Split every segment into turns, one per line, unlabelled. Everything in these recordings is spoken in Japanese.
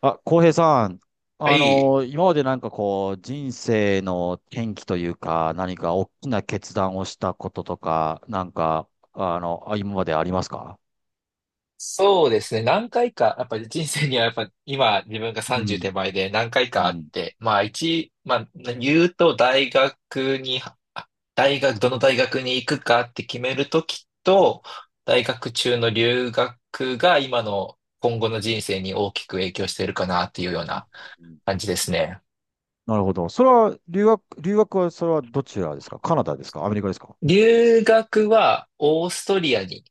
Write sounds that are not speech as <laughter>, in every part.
あ、浩平さん、
はい。
今まで人生の転機というか、何か大きな決断をしたこととか、あ今までありますか？
そうですね。何回か、やっぱり人生にはやっぱ今自分が
う
30
ん。
手前で何回
う
かあっ
ん。
て、まあ一、まあ言うとあ大学、どの大学に行くかって決めるときと、大学中の留学が今後の人生に大きく影響しているかなっていうよう
う
な
ん。
感じですね。
なるほど。それは、留学は、それはどちらですか？カナダですか？アメリカですか？
留学はオーストリアに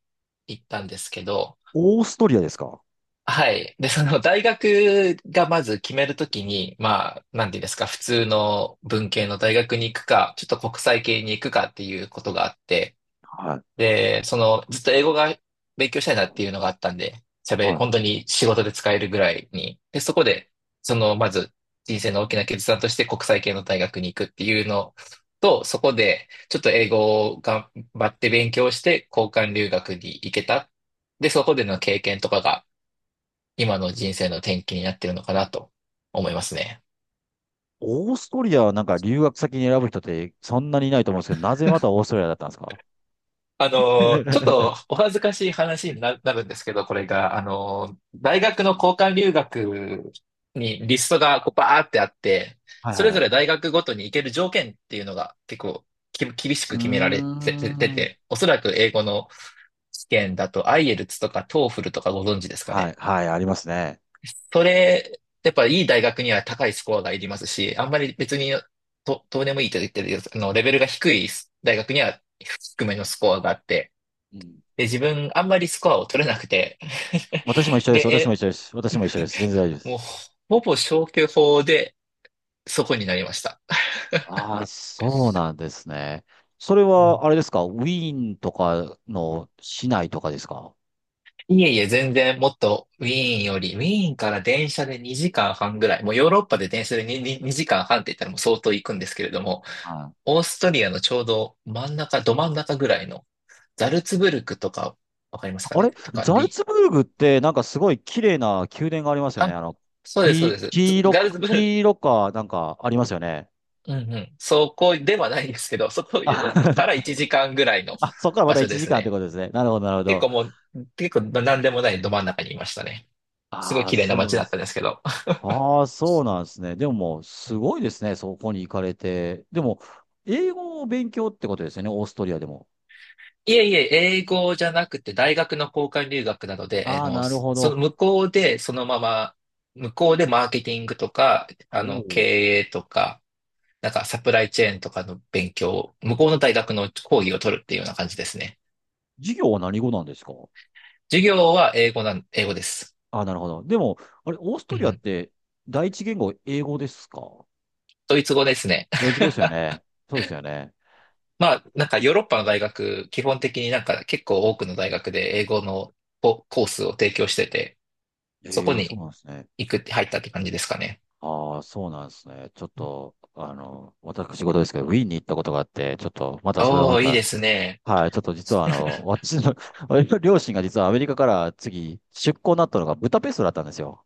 行ったんですけど、
オーストリアですか？
はい。で、その大学がまず決めるときに、まあ、なんていうんですか、普通の文系の大学に行くか、ちょっと国際系に行くかっていうことがあって、
はい。
で、その、ずっと英語が勉強したいなっていうのがあったんで、
はい。
本当に仕事で使えるぐらいに。で、そこで、その、まず人生の大きな決断として国際系の大学に行くっていうのと、そこで、ちょっと英語を頑張って勉強して、交換留学に行けた。で、そこでの経験とかが、今の人生の転機になってるのかなと思いますね。
オーストリアはなんか留学先に選ぶ人ってそんなにいないと思うんですけど、なぜまたオーストリアだったんですか？
あの、ちょっ
<laughs>
とお恥ずかしい話になるんですけど、これが、あの、大学の交換留学にリストがこうバーってあって、
はい
そ
はい
れ
は
ぞ
い。
れ大学ごとに行ける条件っていうのが結構き厳し
うー
く決められてて
ん。
て、おそらく英語の試験だと IELTS とか TOEFL とかご存知ですか
は
ね。
い、はい、ありますね。
それ、やっぱいい大学には高いスコアがいりますし、あんまり別にとどうでもいいと言ってるよレベルが低い大学には低めのスコアがあって、
うん。
で、自分あんまりスコアを取れなくて、
私も一
<laughs>
緒です。
で、
私も一緒です。私も一緒です。全然大丈夫です。
もうほぼ消去法でそこになりました。
ああ、そうなんですね。それ
う
は、
ん。
あれですか？ウィーンとかの市内とかですか？
いえいえ、全然もっとウィーンより、ウィーンから電車で2時間半ぐらい、もうヨーロッパで電車で2、に時間半って言ったらもう相当行くんですけれども、
はい。
オーストリアのちょうど真ん中、ど真ん中ぐらいの、ザルツブルクとか、わかりますか
あ
ね
れ、
とか、
ザルツブルグって、なんかすごい綺麗な宮殿がありますよね。
あ、
あの、
そうです、そうで
黄
す。
黄
ザ
色、
ルツブルク、
黄色か、なんかありますよね。
うんうん。そこではないですけど、<laughs> そこ
あ、
から
<laughs>
1時間ぐらいの
あ、そこからま
場
た
所
1
です
時間って
ね。
ことですね。なるほど、なるほ
結
ど。
構も結構何でもないど真ん中にいましたね。すごい
ああ、
綺麗な
そう
街
なん
だ
で
った
す。
んですけど。
ああ、そうなんですね。でももう、
う
す
ん。
ごいですね。そこに行かれて。でも、英語を勉強ってことですよね。オーストリアでも。
いえいえ、英語じゃなくて大学の交換留学なので、
あ
あ
あ、
の、
なる
そ
ほ
その
ど。
向こうでそのまま、向こうでマーケティングとか、
お。
経
ー
営とか、なんかサプライチェーンとかの勉強を、向こうの大
お、
学の講義を取るっていうような感じですね。
授業は何語なんですか？
授業は英語です。
ああー、なるほど。でも、あれ、オース
う
トリアっ
ん。
て第一言語英語ですか？
ドイツ語ですね。
ドイツ
<laughs>
語ですよね。そうですよね。
まあ、なんかヨーロッパの大学、基本的になんか結構多くの大学で英語のコースを提供してて、そこ
ええ、そう
に
なんですね。
行くって入ったって感じですかね。
ああ、そうなんですね。ちょっと、あの、私事ですけど、ウィーンに行ったことがあって、ちょっと、またそれはま
おー、いい
た、
ですね。
はい、ちょっと実はあの、<laughs> 私の両親が実はアメリカから次、出向になったのがブダペストだったんですよ。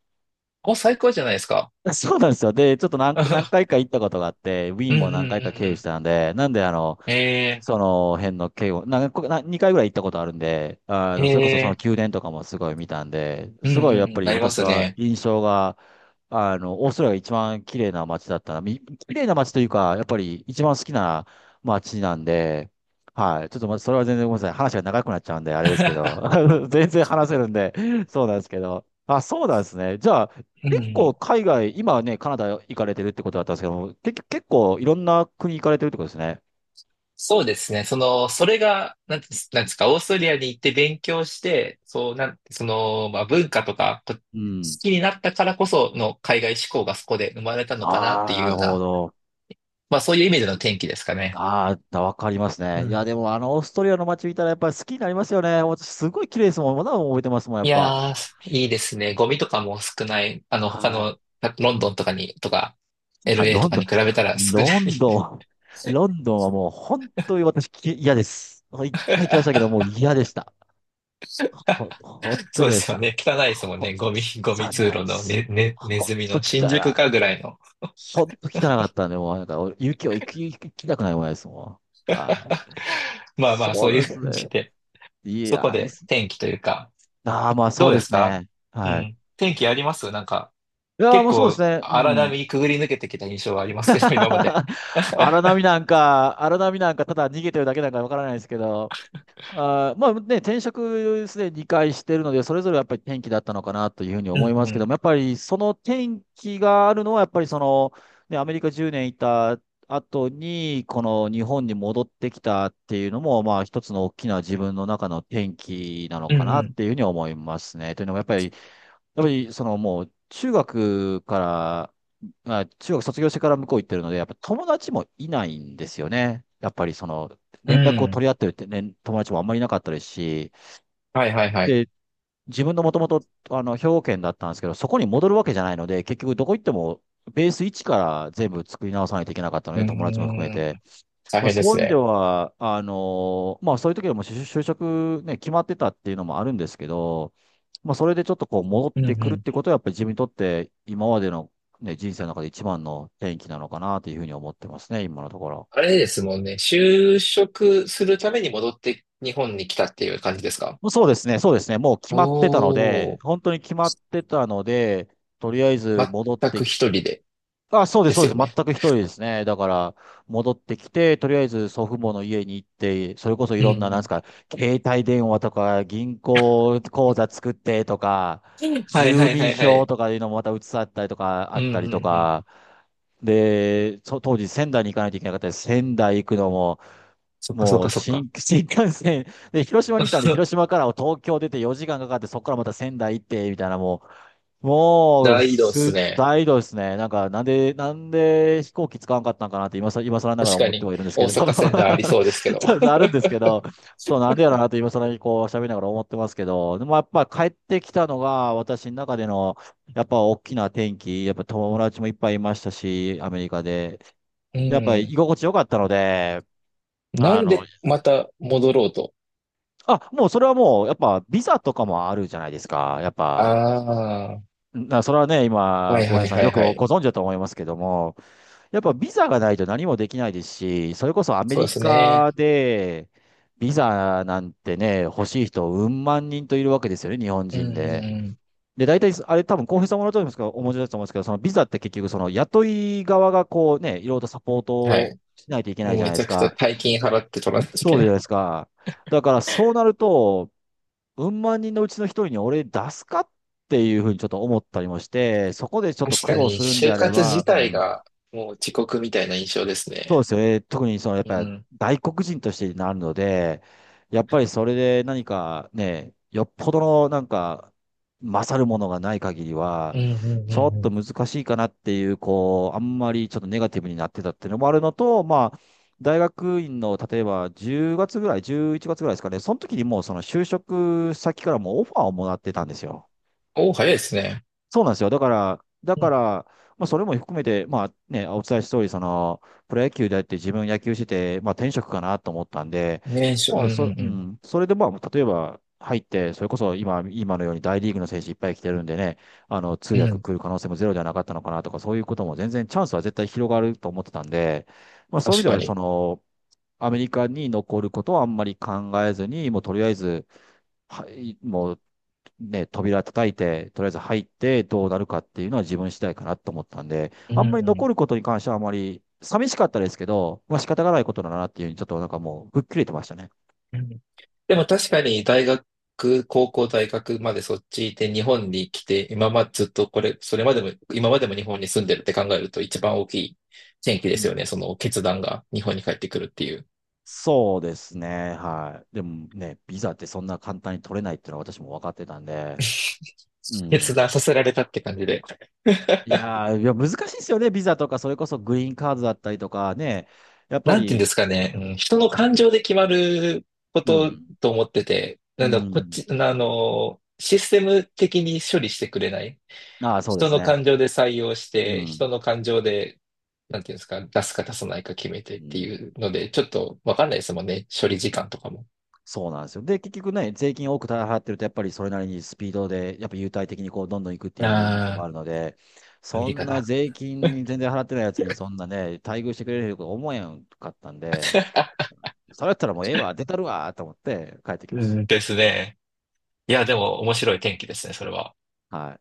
お、最高じゃないですか。
<laughs> そうなんですよ。で、ちょっと
<laughs> う
何
ん
回か行ったことがあって、ウィ
う
ーン
んうん
も
う
何回か経由し
ん。
たんで、なんであの、
え
その辺の経由、なんか、な2回ぐらい行ったことあるんで、あ
ー、
の、それこそその
え
宮殿とかもすごい見たんで、
ー、うん
すごい
う
や
ん
っ
う
ぱ
ん。
り
なりま
私
す
は
ね。
印象が、あの、オーストラリアが一番綺麗な街だったな。綺麗な街というか、やっぱり一番好きな街なんで、はい。ちょっとま、それは全然ごめんなさい。話が長くなっちゃうんで、あれですけど。
<laughs>
<laughs> 全然話せるんで、そうなんですけど。あ、そうなんですね。じゃあ、
う
結構
ん。
海外、今はね、カナダ行かれてるってことだったんですけども、結局結構いろんな国行かれてるってことですね。
そうですね。それが、なんですか、オーストリアに行って勉強して、そう、なん、その、まあ、文化とか、こ好
うん。
きになったからこその海外志向がそこで生まれたのかなっ
あ
て
あ、
いう
なる
よう
ほ
な、
ど。
まあ、そういう意味での転機ですかね。
ああ、わかります
う
ね。いや、
ん。
でもあの、オーストリアの街見たらやっぱり好きになりますよね。私、すごい綺麗ですもん。まだ覚えてますもん、やっ
い
ぱ。
やー、いいですね。ゴミとかも少ない。他
は
の、ロンドンとかに、とか、
い。
LA とかに比べたら少ない。
ロンドン、
<laughs>
ロンドンはもう本当に私嫌です。もう一回来ましたけど、もう嫌でした。ほんと
そう
嫌
で
でし
すよ
た。
ね。汚いですもん
ほ、
ね。ゴミ
汚
通
い
路
っ
の
す。
ね、ネ
ほん
ズミ
と
の新宿
汚い。
かぐらいの。
ほんと汚かったんで、もうなんか、俺雪を行き、行きたくないもんですもん。はい。
<laughs> まあまあ、そ
そ
う
う
い
で
う
す
感じ
ね。
で、
い
そこ
や、いいっ
で
す。
天気というか、
ああ、まあそ
ど
う
うで
で
す
す
か？
ね。
う
はい。
ん。天気ありますなんか、
いやー、
結
もうそうです
構
ね。う
荒
ん。
波くぐり抜けてきた印象はありますけど、<laughs> 今まで。
<laughs> 荒波なんか、ただ逃げてるだけなんかわからないですけど、あー、まあね、転職すでに2してるので、それぞれやっぱり転機だったのかなというふうに
う
思いま
んう
すけど
ん。
も、やっぱりその転機があるのは、やっぱりその、ね、アメリカ10年いた後に、この日本に戻ってきたっていうのも、まあ一つの大きな自分の中の転機なの
う
かなっ
ん
ていうふうに思いますね。というのも、やっぱり、そのもう、中学から、まあ、中学卒業してから向こう行ってるので、やっぱ友達もいないんですよね。やっぱりその、
うん。う
連絡を取
ん。
り合ってるって、ね、友達もあんまりいなかったですし、
はいはいはい。
で、自分のもともと、あの、兵庫県だったんですけど、そこに戻るわけじゃないので、結局どこ行っても、ベース1から全部作り直さないといけなかったの
うー
で、友達も含め
ん。
て。
大
まあ、
変で
そうい
す
う意味で
ね。
は、まあ、そういう時はもう就職ね、決まってたっていうのもあるんですけど、まあ、それでちょっとこう戻っ
うんう
てくるっ
ん。
てことは、やっぱり自分にとって今までの、ね、人生の中で一番の転機なのかなというふうに思ってますね、今のところ。
あれですもんね。就職するために戻って日本に来たっていう感じですか？
もうそうですね、そうですね、もう決まってたの
お
で、
ー。
本当に決まってたので、とりあえず戻っ
全
て
く
き、
一人で？
あ、そうで
で
す、そう
す
で
よ
す。
ね。
全く一人ですね。だから、戻ってきて、とりあえず祖父母の家に行って、それこそい
う
ろんな、なんです
ん
か、携帯電話とか、銀行口座作ってとか、
うん。はい
住
はいは
民
いは
票
い。
とかいうのもまた移さったりとか、あ
う
っ
ん
た
う
り
ん
と
うん。
か、で、当時仙台に行かないといけなかったです。仙台行くのも、
そっかそっ
もう
かそっか。
新、<laughs> 新幹線、で、広島にいたんで、広
<laughs>
島から東京出て4時間かかって、そこからまた仙台行って、みたいな、もう、もう、
大移動っ
す、
すね。
大移動ですね。なんか、なんで飛行機使わんかったんかなって今更なが
確
ら
か
思って
に、
はいるんです
大
けど。
阪仙台あり
<laughs>
そうですけど。
あるんですけど、そう、なんでやろうなと今更にこう喋りながら思ってますけど、でもやっぱ帰ってきたのが私の中での、やっぱ大きな転機、やっぱ友達もいっぱいいましたし、アメリカで。
う
やっぱり
ん。
居心地良かったので、
な
あ
ん
の、
でまた戻ろうと？
あ、もうそれはもう、やっぱビザとかもあるじゃないですか。やっぱ、
あ
それはね、
あ、は
今、
い
浩
は
平
い
さん
は
よ
い
く
は
ご
い。
存知だと思いますけども、やっぱビザがないと何もできないですし、それこそアメ
そうで
リ
す
カ
ね。
で、ビザなんてね、欲しい人、うん万人といるわけですよね、日本
うん
人
う
で。
んう
で、大体、あれ多分、浩平さんもらうと思いますけど、お持ちだと思うんですけど、そのビザって結局、その雇い側がこうね、いろいろとサポート
ん。は
を
い。
しないといけない
もう
じゃ
め
ないで
ちゃ
す
くちゃ
か。
大金払って取らないとい
そ
け
うじゃ
な
ない
い。
ですか。だから、そうなると、うん万人のうちの一人に俺出すかっていうふうにちょっと思ったりもして、そこでちょっと
確
苦
か
労
に、
するんで
就
あれ
活自
ば、う
体
ん。
がもう遅刻みたいな印象です
そうで
ね。
すよね。特にそのやっ
う
ぱり
ん。
外国人としてなるので、やっぱりそれで何かね、よっぽどのなんか勝るものがない限り
う
は、
んうんう
ちょっ
んう
と
ん。
難しいかなっていう、こう、あんまりちょっとネガティブになってたっていうのもあるのと、まあ、大学院の例えば10月ぐらい、11月ぐらいですかね、その時にもうその就職先からもうオファーをもらってたんですよ。
おお、早いですね。
そうなんですよ。だから、だ
う
か
ん。
ら、まあ、それも含めて、まあね、お伝えした通り、その、プロ野球であって自分野球してて、まあ転職かなと思ったんで、
年初、うんう
もうそ、
ん
う
う
ん、それでまあ、例えば入って、それこそ今のように大リーグの選手いっぱい来てるんでね、あの、通
ん。う
訳
ん。
来る可能性もゼロではなかったのかなとか、そういうことも全然チャンスは絶対広がると思ってたんで、まあそういう
確
意味で
か
は、そ
に。
の、アメリカに残ることはあんまり考えずに、もうとりあえず、はい、もうね、扉叩いて、とりあえず入ってどうなるかっていうのは自分次第かなと思ったんで、
う
あんまり残
ん。
ることに関してはあまり寂しかったですけど、まあ仕方がないことだなっていうふうにちょっとなんかもう吹っ切れてましたね。
うん。でも確かに大学、高校、大学までそっちで日本に来て、今までずっとそれまでも、今までも日本に住んでるって考えると一番大きい転機
う
ですよ
ん。
ね。その決断が日本に帰ってくるっていう。
そうですね。はい。でもね、ビザってそんな簡単に取れないっていうのは私も分かってたんで、う
<laughs> 決断
ん。
させられたって感じで。<laughs>
いやー、いや難しいですよね。ビザとか、それこそグリーンカードだったりとかね。やっぱ
なんて言うんで
り、
すかね、うん、人の感情で決まるこ
う
と
ん。
と思ってて、なん
う
だ、こっ
ん。
ち、システム的に処理してくれない。
ああ、そうで
人
す
の
ね。
感情で採用し
う
て、
ん。
人の感情で、なんていうんですか、出すか出さないか決めてっ
う
て
ん。
いうので、ちょっとわかんないですもんね。処理時間とかも。
そうなんですよ。で、結局ね、税金を多く払ってると、やっぱりそれなりにスピードで、やっぱ優待的にこう、どんどん行くっていうのも
ああ、
あるので、
アメ
そ
リ
ん
カ
な
だ。
税金に全然払ってないやつに、そんなね、待遇してくれると思えんかったんで、
<laughs>
それやったらもうええわ、出たるわ、と思って帰ってきま
う
し
んですね。いや、でも面白い天気ですね、それは。
た。はい。